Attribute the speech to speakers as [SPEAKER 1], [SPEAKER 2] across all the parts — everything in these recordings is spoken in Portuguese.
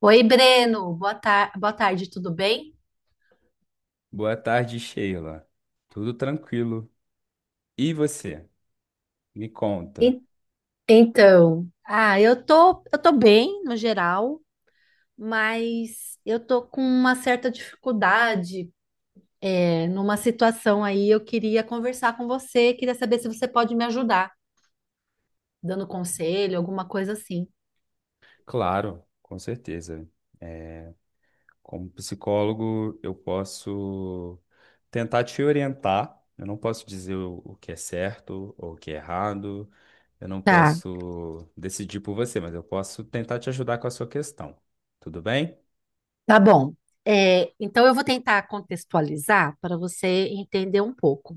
[SPEAKER 1] Oi, Breno, boa tarde, tudo bem?
[SPEAKER 2] Boa tarde, Sheila. Tudo tranquilo? E você? Me conta.
[SPEAKER 1] En- Então, Ah, eu tô bem no geral, mas eu tô com uma certa dificuldade, numa situação aí. Eu queria conversar com você, queria saber se você pode me ajudar, dando conselho, alguma coisa assim.
[SPEAKER 2] Claro, com certeza. É, como psicólogo, eu posso tentar te orientar. Eu não posso dizer o que é certo ou o que é errado. Eu não
[SPEAKER 1] Tá,
[SPEAKER 2] posso decidir por você, mas eu posso tentar te ajudar com a sua questão. Tudo bem?
[SPEAKER 1] tá bom. Então eu vou tentar contextualizar para você entender um pouco.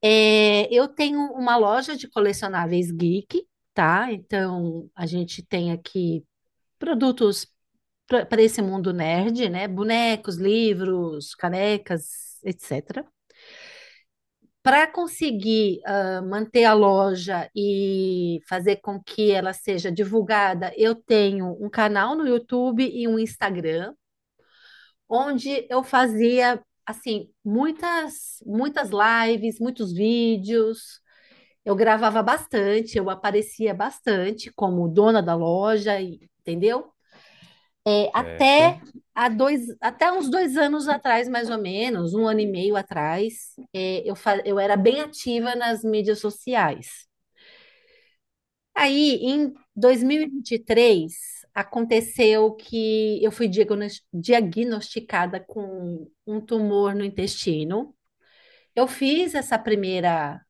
[SPEAKER 1] Eu tenho uma loja de colecionáveis geek, tá? Então a gente tem aqui produtos para esse mundo nerd, né? Bonecos, livros, canecas, etc. Para conseguir manter a loja e fazer com que ela seja divulgada, eu tenho um canal no YouTube e um Instagram, onde eu fazia assim muitas muitas lives, muitos vídeos. Eu gravava bastante, eu aparecia bastante como dona da loja, entendeu? É, até
[SPEAKER 2] Certo.
[SPEAKER 1] até uns dois anos atrás, mais ou menos, um ano e meio atrás, eu era bem ativa nas mídias sociais. Aí, em dois mil e vinte e três, aconteceu que eu fui diagnosticada com um tumor no intestino. Eu fiz essa primeira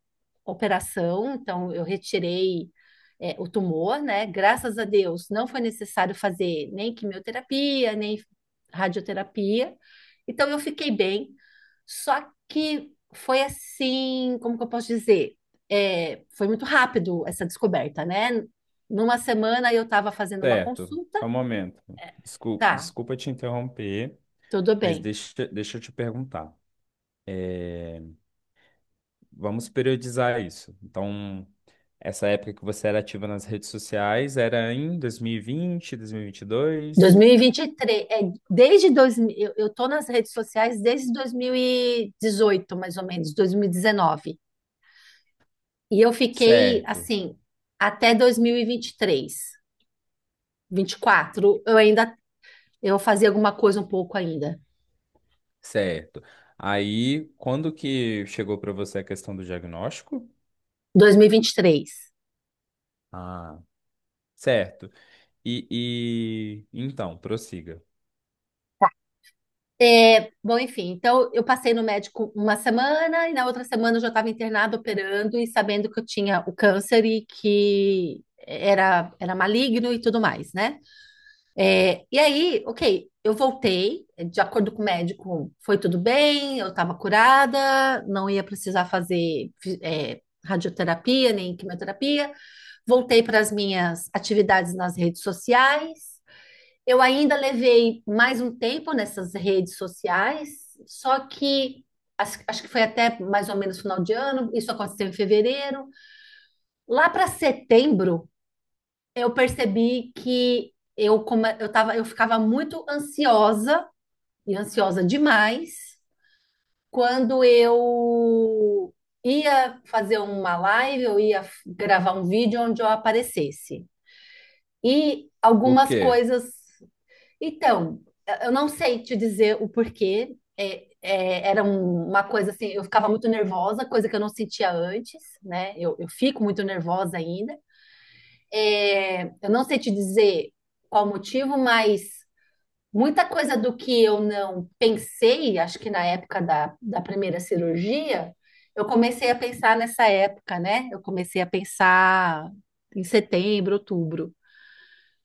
[SPEAKER 1] operação, então eu retirei o tumor, né? Graças a Deus, não foi necessário fazer nem quimioterapia, nem radioterapia. Então eu fiquei bem. Só que foi assim, como que eu posso dizer? Foi muito rápido essa descoberta, né? Numa semana eu estava fazendo uma
[SPEAKER 2] Certo.
[SPEAKER 1] consulta,
[SPEAKER 2] Só um momento. Desculpa,
[SPEAKER 1] tá,
[SPEAKER 2] desculpa te interromper,
[SPEAKER 1] tudo
[SPEAKER 2] mas
[SPEAKER 1] bem.
[SPEAKER 2] deixa eu te perguntar. Vamos periodizar isso. Então, essa época que você era ativa nas redes sociais era em 2020, 2022?
[SPEAKER 1] 2023, eu tô nas redes sociais desde 2018, mais ou menos, 2019. E dezenove. E eu fiquei
[SPEAKER 2] Certo,
[SPEAKER 1] assim até 2023, 24, eu fazia alguma coisa um pouco ainda.
[SPEAKER 2] certo. Aí, quando que chegou para você a questão do diagnóstico?
[SPEAKER 1] 2023.
[SPEAKER 2] Ah, certo. E então, prossiga.
[SPEAKER 1] Bom, enfim, então eu passei no médico uma semana e na outra semana eu já estava internada operando e sabendo que eu tinha o câncer e que era maligno e tudo mais, né? E aí, ok, eu voltei, de acordo com o médico, foi tudo bem, eu estava curada, não ia precisar fazer radioterapia nem quimioterapia. Voltei para as minhas atividades nas redes sociais. Eu ainda levei mais um tempo nessas redes sociais, só que acho que foi até mais ou menos final de ano, isso aconteceu em fevereiro. Lá para setembro, eu percebi que eu, come- eu tava, eu ficava muito ansiosa e ansiosa demais quando eu ia fazer uma live, eu ia gravar um vídeo onde eu aparecesse. E
[SPEAKER 2] Por
[SPEAKER 1] algumas
[SPEAKER 2] quê?
[SPEAKER 1] coisas. Então, eu não sei te dizer o porquê. Uma coisa assim, eu ficava muito nervosa, coisa que eu não sentia antes, né? Eu fico muito nervosa ainda, eu não sei te dizer qual motivo, mas muita coisa do que eu não pensei, acho que na época da primeira cirurgia, eu comecei a pensar nessa época, né? Eu comecei a pensar em setembro, outubro.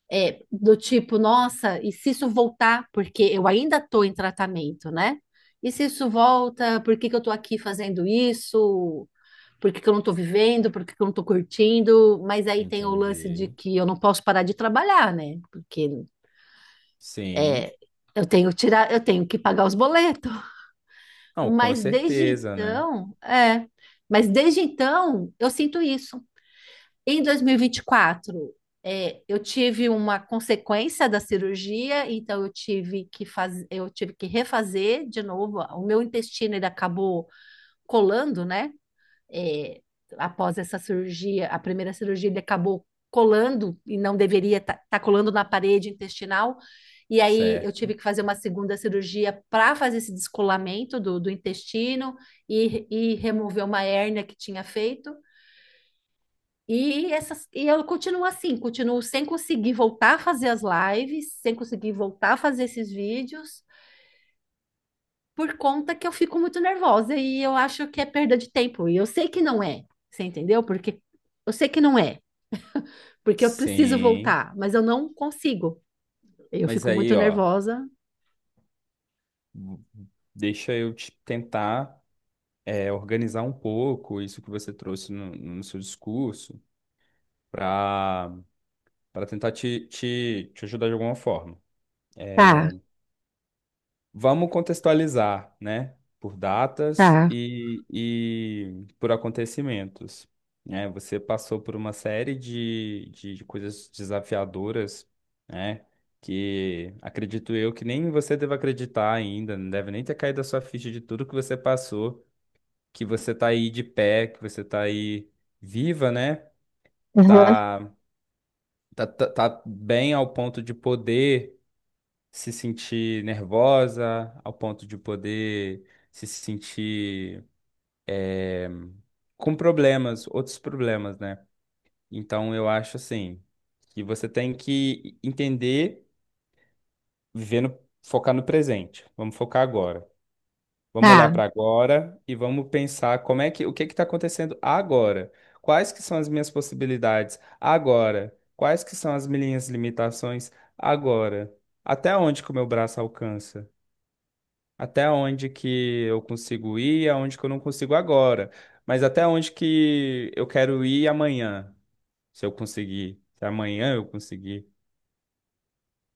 [SPEAKER 1] Do tipo, nossa, e se isso voltar, porque eu ainda estou em tratamento, né? E se isso volta, por que que eu estou aqui fazendo isso? Por que que eu não estou vivendo? Por que que eu não estou curtindo? Mas aí tem o lance de
[SPEAKER 2] Entendi.
[SPEAKER 1] que eu não posso parar de trabalhar, né? Porque
[SPEAKER 2] Sim.
[SPEAKER 1] eu tenho que tirar, eu tenho que pagar os boletos.
[SPEAKER 2] Não, com
[SPEAKER 1] Mas desde
[SPEAKER 2] certeza, né?
[SPEAKER 1] então, é, mas desde então eu sinto isso. Em 2024, eu tive uma consequência da cirurgia, então eu tive que refazer de novo. O meu intestino ele acabou colando, né? É, Após essa cirurgia, a primeira cirurgia, ele acabou colando e não deveria estar colando na parede intestinal. E aí eu tive
[SPEAKER 2] Certo.
[SPEAKER 1] que fazer uma segunda cirurgia para fazer esse descolamento do intestino e remover uma hérnia que tinha feito. E eu continuo assim, continuo sem conseguir voltar a fazer as lives, sem conseguir voltar a fazer esses vídeos, por conta que eu fico muito nervosa e eu acho que é perda de tempo. E eu sei que não é, você entendeu? Porque eu sei que não é, porque eu preciso
[SPEAKER 2] Sim.
[SPEAKER 1] voltar, mas eu não consigo. Eu
[SPEAKER 2] Mas
[SPEAKER 1] fico muito
[SPEAKER 2] aí, ó,
[SPEAKER 1] nervosa.
[SPEAKER 2] deixa eu te tentar organizar um pouco isso que você trouxe no seu discurso para para tentar te ajudar de alguma forma. É,
[SPEAKER 1] Tá,
[SPEAKER 2] vamos contextualizar, né? Por datas
[SPEAKER 1] tá,
[SPEAKER 2] e por acontecimentos. Né? Você passou por uma série de, de coisas desafiadoras, né? Que acredito eu que nem você deve acreditar ainda, não deve nem ter caído a sua ficha de tudo que você passou, que você tá aí de pé, que você tá aí viva, né?
[SPEAKER 1] aham,
[SPEAKER 2] Tá, tá, bem ao ponto de poder se sentir nervosa, ao ponto de poder se sentir com problemas, outros problemas, né? Então eu acho assim que você tem que entender, viver no, focar no presente. Vamos focar agora. Vamos olhar
[SPEAKER 1] tá,
[SPEAKER 2] para agora e vamos pensar como é que o que está acontecendo agora? Quais que são as minhas possibilidades agora? Quais que são as minhas limitações agora? Até onde que o meu braço alcança? Até onde que eu consigo ir e aonde que eu não consigo agora? Mas até onde que eu quero ir amanhã, se eu conseguir, se amanhã eu conseguir,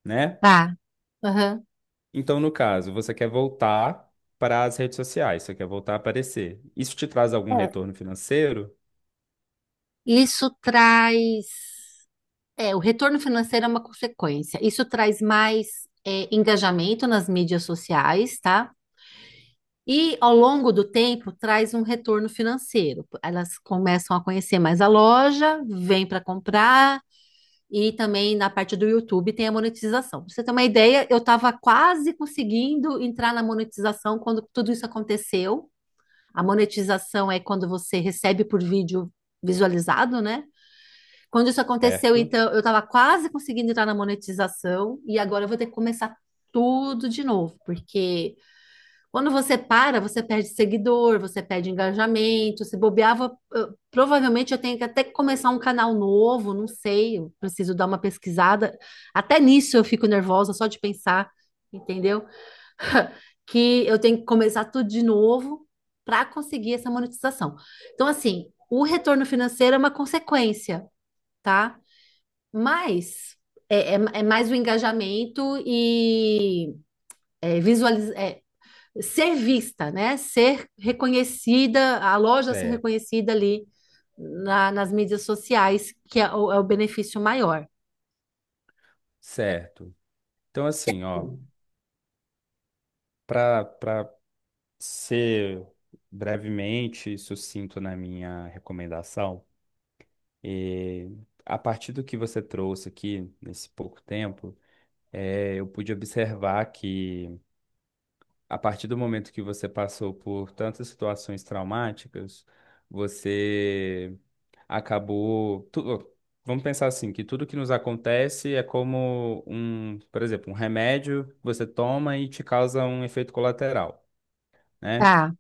[SPEAKER 2] né?
[SPEAKER 1] tá. Aham.
[SPEAKER 2] Então, no caso, você quer voltar para as redes sociais, você quer voltar a aparecer. Isso te traz algum
[SPEAKER 1] É,
[SPEAKER 2] retorno financeiro?
[SPEAKER 1] Isso traz. O retorno financeiro é uma consequência. Isso traz mais engajamento nas mídias sociais, tá? E ao longo do tempo traz um retorno financeiro. Elas começam a conhecer mais a loja, vêm para comprar e também na parte do YouTube tem a monetização. Pra você ter uma ideia, eu estava quase conseguindo entrar na monetização quando tudo isso aconteceu. A monetização é quando você recebe por vídeo visualizado, né? Quando isso aconteceu,
[SPEAKER 2] Certo?
[SPEAKER 1] então, eu estava quase conseguindo entrar na monetização e agora eu vou ter que começar tudo de novo, porque quando você para, você perde seguidor, você perde engajamento, se bobeava, provavelmente eu tenho que até começar um canal novo, não sei, eu preciso dar uma pesquisada. Até nisso eu fico nervosa só de pensar, entendeu? Que eu tenho que começar tudo de novo para conseguir essa monetização. Então, assim, o retorno financeiro é uma consequência, tá? Mas é mais o engajamento e é, visualiz- é, ser vista, né? Ser reconhecida, a loja ser
[SPEAKER 2] É,
[SPEAKER 1] reconhecida ali nas mídias sociais, que é o benefício maior.
[SPEAKER 2] certo. Então, assim, ó, para ser brevemente sucinto na minha recomendação, eh, a partir do que você trouxe aqui nesse pouco tempo, eu pude observar que a partir do momento que você passou por tantas situações traumáticas, você acabou. tu- vamos pensar assim, que tudo que nos acontece é como um, por exemplo, um remédio que você toma e te causa um efeito colateral, né?
[SPEAKER 1] Tá,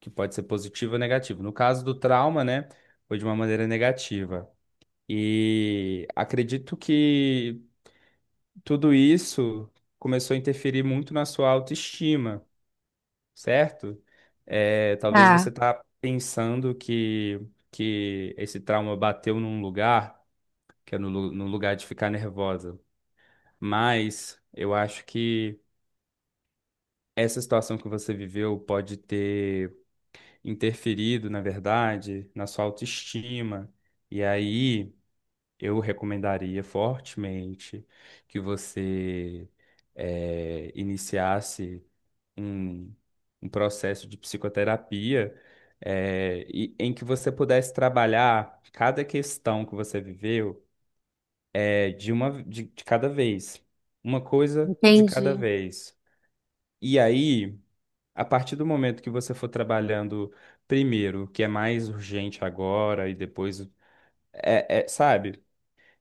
[SPEAKER 2] Que pode ser positivo ou negativo. No caso do trauma, né, foi de uma maneira negativa. E acredito que tudo isso começou a interferir muito na sua autoestima, certo? É, talvez
[SPEAKER 1] tá,
[SPEAKER 2] você tá pensando que esse trauma bateu num lugar que é no lugar de ficar nervosa. Mas eu acho que essa situação que você viveu pode ter interferido, na verdade, na sua autoestima. E aí eu recomendaria fortemente que você iniciasse um, um processo de psicoterapia. Em que você pudesse trabalhar cada questão que você viveu. É de uma de cada vez. Uma coisa de cada
[SPEAKER 1] entendi.
[SPEAKER 2] vez. E aí, a partir do momento que você for trabalhando primeiro, o que é mais urgente agora, e depois. É, é, sabe?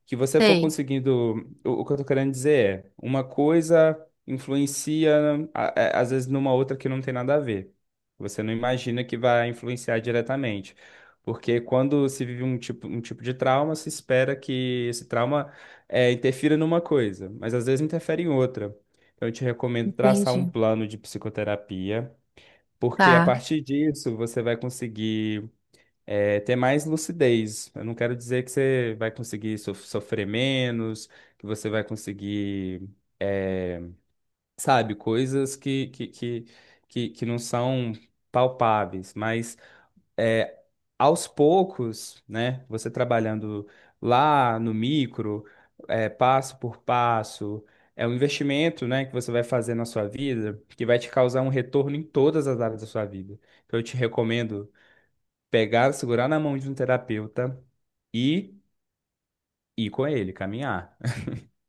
[SPEAKER 2] Que você for
[SPEAKER 1] Sei,
[SPEAKER 2] conseguindo. O que eu tô querendo dizer é, uma coisa influencia, a- às vezes, numa outra que não tem nada a ver. Você não imagina que vai influenciar diretamente. Porque quando se vive um tipo de trauma, se espera que esse trauma interfira numa coisa, mas às vezes interfere em outra. Então, eu te recomendo traçar um
[SPEAKER 1] entendi.
[SPEAKER 2] plano de psicoterapia, porque a
[SPEAKER 1] Tá,
[SPEAKER 2] partir disso você vai conseguir ter mais lucidez. Eu não quero dizer que você vai conseguir sofrer menos, que você vai conseguir, é, sabe, coisas que, que não são palpáveis, mas é, aos poucos, né, você trabalhando lá no micro, é, passo por passo, é um investimento, né, que você vai fazer na sua vida que vai te causar um retorno em todas as áreas da sua vida. Então, eu te recomendo pegar, segurar na mão de um terapeuta e ir com ele, caminhar.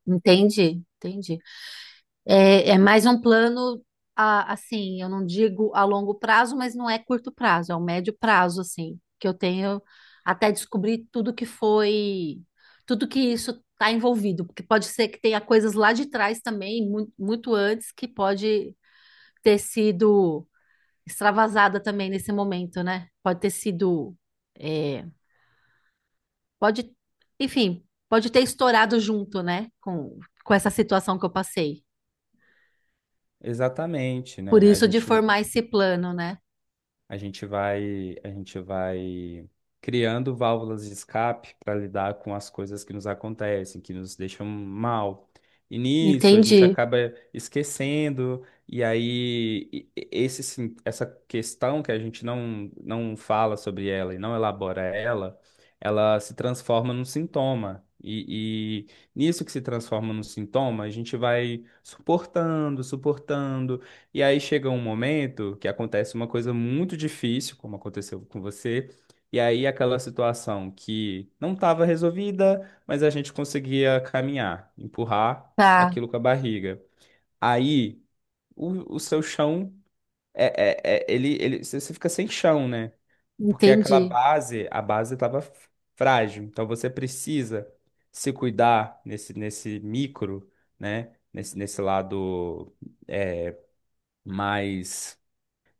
[SPEAKER 1] entendi, entendi. É mais um plano, assim, eu não digo a longo prazo, mas não é curto prazo, é um médio prazo, assim, que eu tenho até descobrir tudo que foi, tudo que isso está envolvido, porque pode ser que tenha coisas lá de trás também, muito antes, que pode ter sido extravasada também nesse momento, né? Pode ter sido, é, pode, enfim, pode ter estourado junto, né, com essa situação que eu passei.
[SPEAKER 2] Exatamente,
[SPEAKER 1] Por
[SPEAKER 2] né? A
[SPEAKER 1] isso de
[SPEAKER 2] gente,
[SPEAKER 1] formar esse plano, né?
[SPEAKER 2] a gente vai, a gente vai criando válvulas de escape para lidar com as coisas que nos acontecem, que nos deixam mal. E nisso a gente
[SPEAKER 1] Entendi.
[SPEAKER 2] acaba esquecendo, e aí esse, essa questão que a gente não fala sobre ela e não elabora ela, ela se transforma num sintoma. E nisso que se transforma num sintoma, a gente vai suportando, suportando. E aí chega um momento que acontece uma coisa muito difícil, como aconteceu com você, e aí aquela situação que não estava resolvida, mas a gente conseguia caminhar, empurrar
[SPEAKER 1] Tá,
[SPEAKER 2] aquilo com a barriga. Aí o seu chão é, ele você fica sem chão, né? Porque aquela
[SPEAKER 1] entendi.
[SPEAKER 2] base, a base estava frágil. Então você precisa se cuidar nesse micro, né? Nesse lado é, mais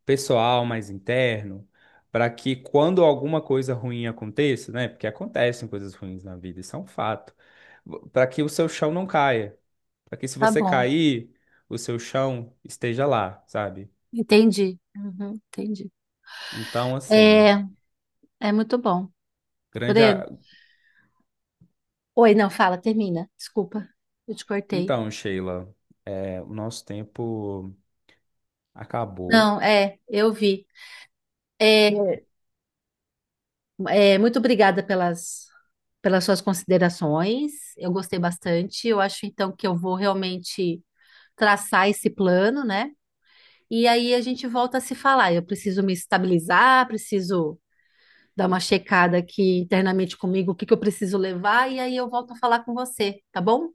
[SPEAKER 2] pessoal, mais interno, para que quando alguma coisa ruim aconteça, né? Porque acontecem coisas ruins na vida, isso é um fato, para que o seu chão não caia, para que se
[SPEAKER 1] Tá
[SPEAKER 2] você
[SPEAKER 1] bom.
[SPEAKER 2] cair, o seu chão esteja lá, sabe?
[SPEAKER 1] Entendi. Uhum, entendi.
[SPEAKER 2] Então,
[SPEAKER 1] É, é muito bom,
[SPEAKER 2] grande.
[SPEAKER 1] Breno.
[SPEAKER 2] a-
[SPEAKER 1] Oi, não, fala, termina. Desculpa, eu te cortei.
[SPEAKER 2] então, Sheila, é, o nosso tempo acabou.
[SPEAKER 1] Não, eu vi. É, muito obrigada pelas suas considerações. Eu gostei bastante. Eu acho então que eu vou realmente traçar esse plano, né? E aí a gente volta a se falar. Eu preciso me estabilizar, preciso dar uma checada aqui internamente comigo, o que que eu preciso levar, e aí eu volto a falar com você, tá bom?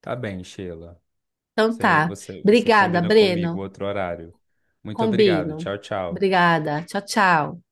[SPEAKER 2] Tá bem, Sheila.
[SPEAKER 1] Então
[SPEAKER 2] Você,
[SPEAKER 1] tá.
[SPEAKER 2] você, você
[SPEAKER 1] Obrigada,
[SPEAKER 2] combina comigo
[SPEAKER 1] Breno.
[SPEAKER 2] outro horário. Muito obrigado.
[SPEAKER 1] Combino.
[SPEAKER 2] Tchau, tchau.
[SPEAKER 1] Obrigada. Tchau, tchau.